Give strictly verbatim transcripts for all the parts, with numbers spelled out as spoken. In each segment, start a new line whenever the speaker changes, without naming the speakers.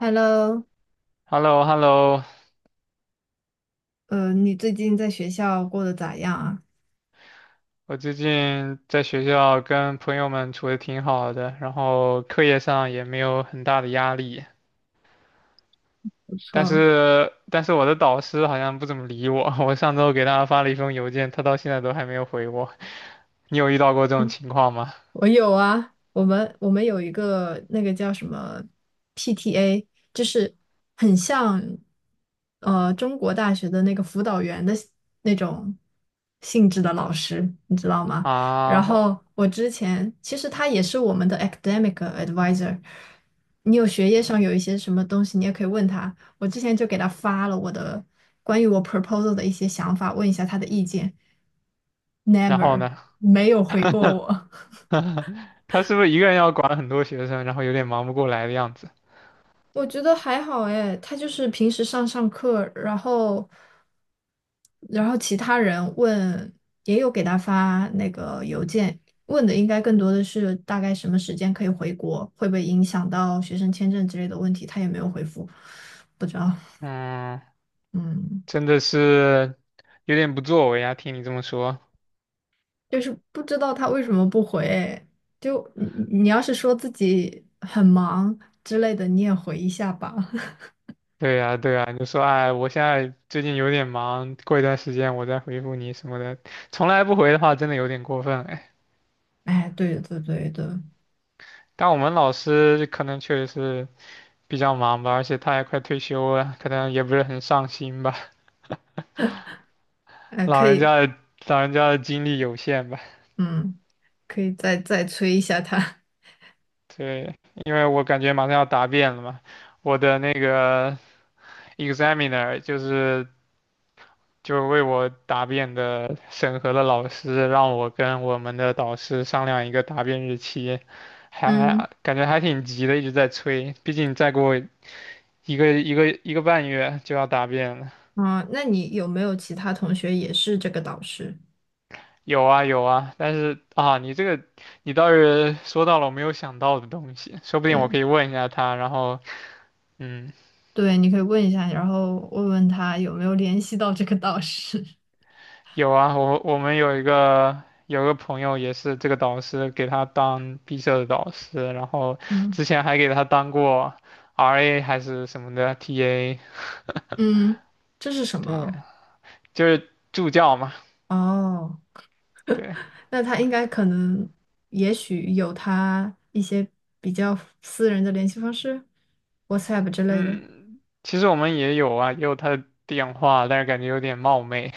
Hello。
h e l l o h e l l o
呃，你最近在学校过得咋样啊？
我最近在学校跟朋友们处的挺好的，然后课业上也没有很大的压力，
不
但
错。
是但是我的导师好像不怎么理我，我上周给他发了一封邮件，他到现在都还没有回我。你有遇到过这种情况吗？
我有啊，我们我们有一个那个叫什么 P T A,就是很像呃中国大学的那个辅导员的那种性质的老师，你知道吗？然
啊，
后我之前其实他也是我们的 academic advisor,你有学业上有一些什么东西，你也可以问他。我之前就给他发了我的关于我 proposal 的一些想法，问一下他的意见
然后
，never
呢？
没有回过我。
他是不是一个人要管很多学生，然后有点忙不过来的样子？
我觉得还好哎，他就是平时上上课，然后，然后其他人问，也有给他发那个邮件，问的应该更多的是大概什么时间可以回国，会不会影响到学生签证之类的问题，他也没有回复，不知道。
嗯，
嗯。
真的是有点不作为啊，听你这么说。
就是不知道他为什么不回。哎，就你，你要是说自己很忙之类的，你也回一下吧。
对呀，对呀，你就说哎，我现在最近有点忙，过一段时间我再回复你什么的，从来不回的话，真的有点过分哎。
哎，对对对对。
但我们老师可能确实是比较忙吧，而且他也快退休了，可能也不是很上心吧，
哎，
老
可
人
以。
家的老人家的精力有限吧。
嗯。可以再再催一下他。
对，因为我感觉马上要答辩了嘛，我的那个 examiner 就是就为我答辩的审核的老师让我跟我们的导师商量一个答辩日期，
嗯。
还感觉还挺急的，一直在催。毕竟再过一个一个一个半月就要答辩了。
啊，那你有没有其他同学也是这个导师？
有啊有啊，但是啊，你这个你倒是说到了我没有想到的东西，说不定我
对
可以问一下他，然后嗯。
对，你可以问一下，然后问问他有没有联系到这个导师。
有啊，我我们有一个有一个朋友也是这个导师给他当毕设的导师，然后
嗯
之前还给他当过 R A 还是什么的 T A，
嗯，这是什
对，
么？
就是助教嘛，
哦，
对，
那他应该可能，也许有他一些比较私人的联系方式，WhatsApp 之类的。
嗯，其实我们也有啊，也有他的电话，但是感觉有点冒昧，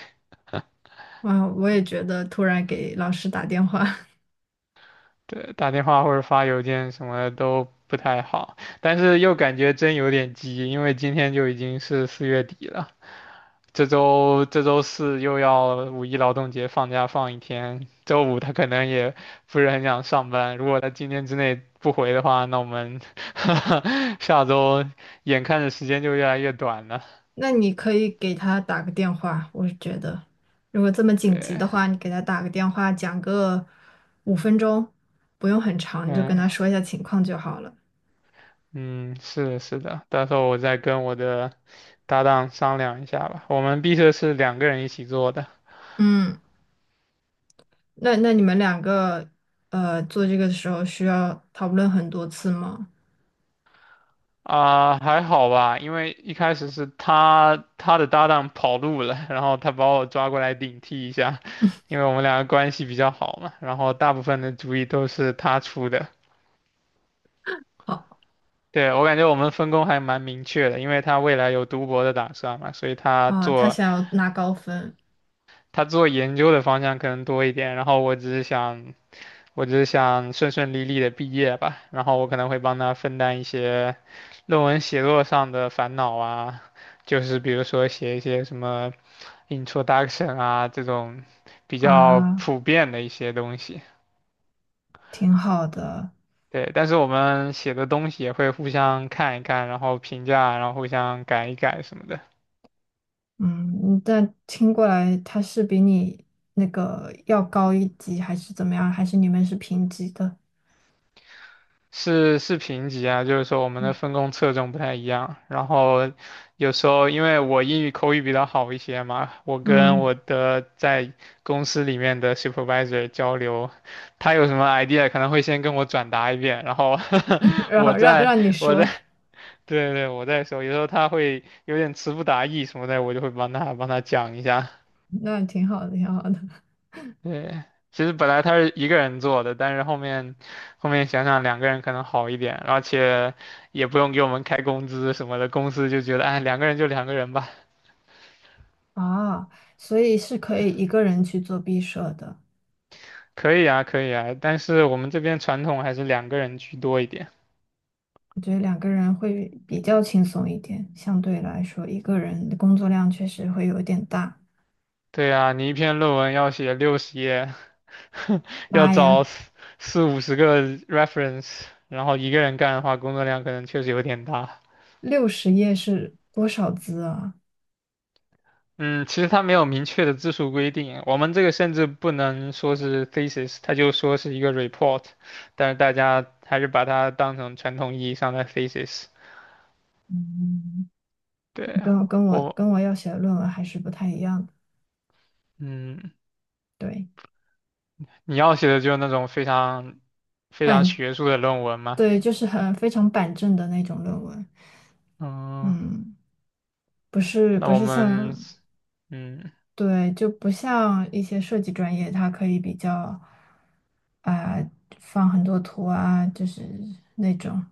哇，我也觉得突然给老师打电话。
对，打电话或者发邮件什么的都不太好，但是又感觉真有点急，因为今天就已经是四月底了。这周这周四又要五一劳动节放假放一天，周五他可能也不是很想上班。如果他今天之内不回的话，那我们 下周眼看着时间就越来越短了。
那你可以给他打个电话，我是觉得，如果这么紧急
对，
的话，你给他打个电话，讲个五分钟，不用很长，你就跟
嗯
他说一下情况就好了。
嗯，是的，是的，到时候我再跟我的搭档商量一下吧。我们毕设是两个人一起做的。
嗯，那那你们两个，呃，做这个的时候需要讨论很多次吗？
啊，还好吧，因为一开始是他他的搭档跑路了，然后他把我抓过来顶替一下，因为我们两个关系比较好嘛，然后大部分的主意都是他出的。
好
对，我感觉我们分工还蛮明确的，因为他未来有读博的打算嘛，所以他
啊，他
做
想要拿高分
他做研究的方向可能多一点，然后我只是想我只是想顺顺利利的毕业吧，然后我可能会帮他分担一些论文写作上的烦恼啊，就是比如说写一些什么 introduction 啊这种比较
啊，
普遍的一些东西。
挺好的。
对，但是我们写的东西也会互相看一看，然后评价，然后互相改一改什么的。
嗯，但听过来他是比你那个要高一级，还是怎么样？还是你们是平级的？
是是评级啊，就是说我们的
嗯。
分工侧重不太一样。然后有时候因为我英语口语比较好一些嘛，我跟
嗯，
我的在公司里面的 supervisor 交流，他有什么 idea 可能会先跟我转达一遍，然后
然
我
后让
再
让你
我再
说。
对对我再说，有时候他会有点词不达意什么的，我就会帮他帮他讲一下。
那挺好的，挺好的。
对，其实本来他是一个人做的，但是后面后面想想两个人可能好一点，而且也不用给我们开工资什么的，公司就觉得哎两个人就两个人吧，
啊，所以是可以一 个人去做毕设的。
可以啊可以啊，但是我们这边传统还是两个人居多一点。
我觉得两个人会比较轻松一点，相对来说，一个人的工作量确实会有点大。
对啊，你一篇论文要写六十页，要
妈
找
呀，
四四五十个 reference，然后一个人干的话，工作量可能确实有点大。
六十页是多少字啊？
嗯，其实它没有明确的字数规定，我们这个甚至不能说是 thesis，它就说是一个 report，但是大家还是把它当成传统意义上的 thesis。
嗯，
对，
跟跟我
我，
跟我要写的论文还是不太一样的。
嗯，
对，
你要写的就是那种非常非常
板，
学术的论文嘛。
对，就是很非常板正的那种论文。
嗯，
嗯，不是
那
不
我
是
们，
像。
嗯
对，就不像一些设计专业，它可以比较，啊、放很多图啊，就是那种，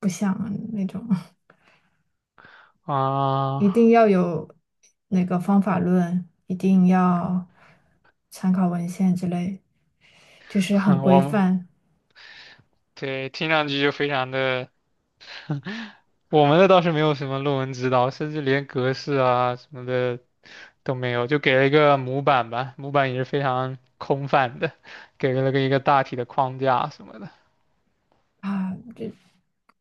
不像那种。一
啊，
定要有那个方法论，一定要参考文献之类，就是 很规
我们
范
对，听上去就非常的。我们的倒是没有什么论文指导，甚至连格式啊什么的都没有，就给了一个模板吧，模板也是非常空泛的，给了个一个大体的框架什么的。
啊。就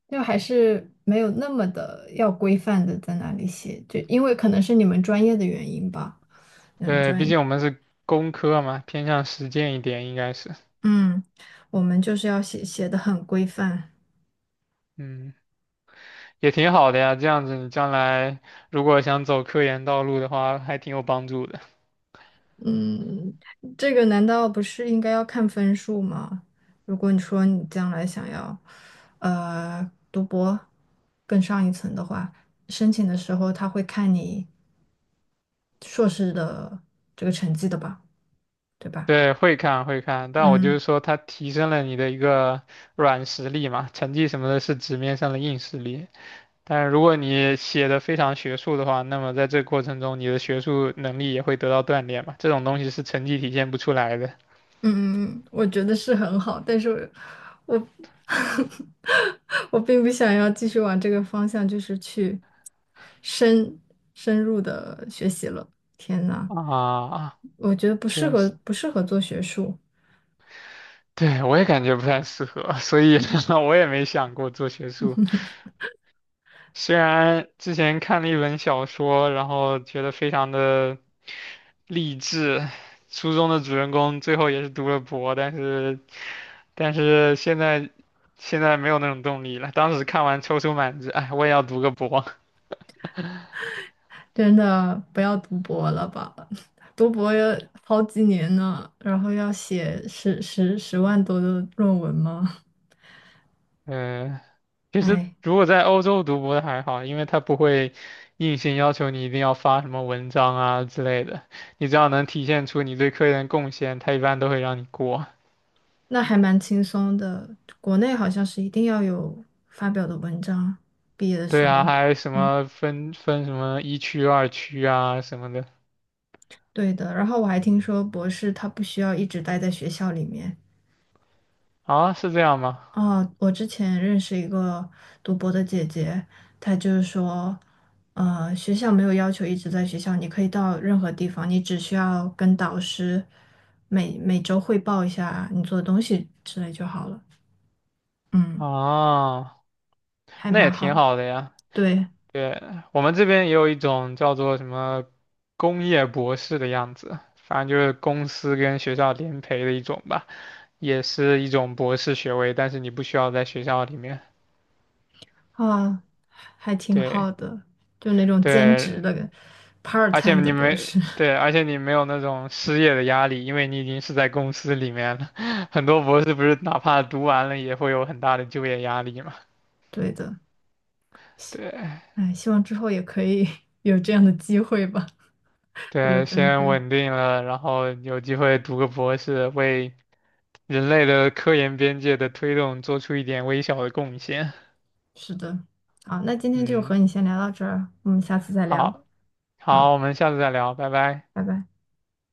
就还是没有那么的要规范的在那里写，就因为可能是你们专业的原因吧，你们
对，毕
专，
竟我们是工科嘛，偏向实践一点，应该是，
嗯，我们就是要写写的很规范。
嗯，也挺好的呀。这样子你将来如果想走科研道路的话，还挺有帮助的。
嗯，这个难道不是应该要看分数吗？如果你说你将来想要，呃，读博更上一层的话，申请的时候他会看你硕士的这个成绩的吧，对吧？
对，会看会看，但我就
嗯。
是说，它提升了你的一个软实力嘛，成绩什么的是纸面上的硬实力，但如果你写的非常学术的话，那么在这个过程中，你的学术能力也会得到锻炼嘛。这种东西是成绩体现不出来的
嗯，我觉得是很好，但是我， 我并不想要继续往这个方向，就是去深深入的学习了。天呐，
啊，
我觉得不适
确
合，
实，
不适合做学术。
对，我也感觉不太适合，所以 我也没想过做学术。虽然之前看了一本小说，然后觉得非常的励志，书中的主人公最后也是读了博，但是，但是现在现在没有那种动力了。当时看完踌躇满志，哎，我也要读个博。
真的不要读博了吧，读博要好几年呢，然后要写十十十万多的论文吗？
嗯，其实
哎。
如果在欧洲读博的还好，因为他不会硬性要求你一定要发什么文章啊之类的，你只要能体现出你对科研的贡献，他一般都会让你过。
那还蛮轻松的。国内好像是一定要有发表的文章，毕业的时
对啊，
候。
还有什
嗯，
么分分什么一区、二区啊什么的
对的。然后我还听说博士他不需要一直待在学校里面。
啊，是这样吗？
哦，我之前认识一个读博的姐姐，她就是说，呃，学校没有要求一直在学校，你可以到任何地方，你只需要跟导师每每周汇报一下你做的东西之类就好了。嗯，
啊，
还
那
蛮
也挺
好，
好的呀。
对。
对，我们这边也有一种叫做什么工业博士的样子，反正就是公司跟学校联培的一种吧。也是一种博士学位，但是你不需要在学校里面。
啊，还挺
对
好的，就那种兼
对，
职的 part
而且
time 的
你
博
没
士。
对，而且你没有那种失业的压力，因为你已经是在公司里面了。很多博士不是哪怕读完了也会有很大的就业压力嘛？
对的，
对
哎，希望之后也可以 有这样的机会吧，如果
对，
真的可
先
以。
稳定了，然后有机会读个博士，为人类的科研边界的推动做出一点微小的贡献。
是的。好，那今天就
嗯，
和你先聊到这儿，我们下次再聊。
好，好，
好，
我们下次再聊，拜拜。
拜拜。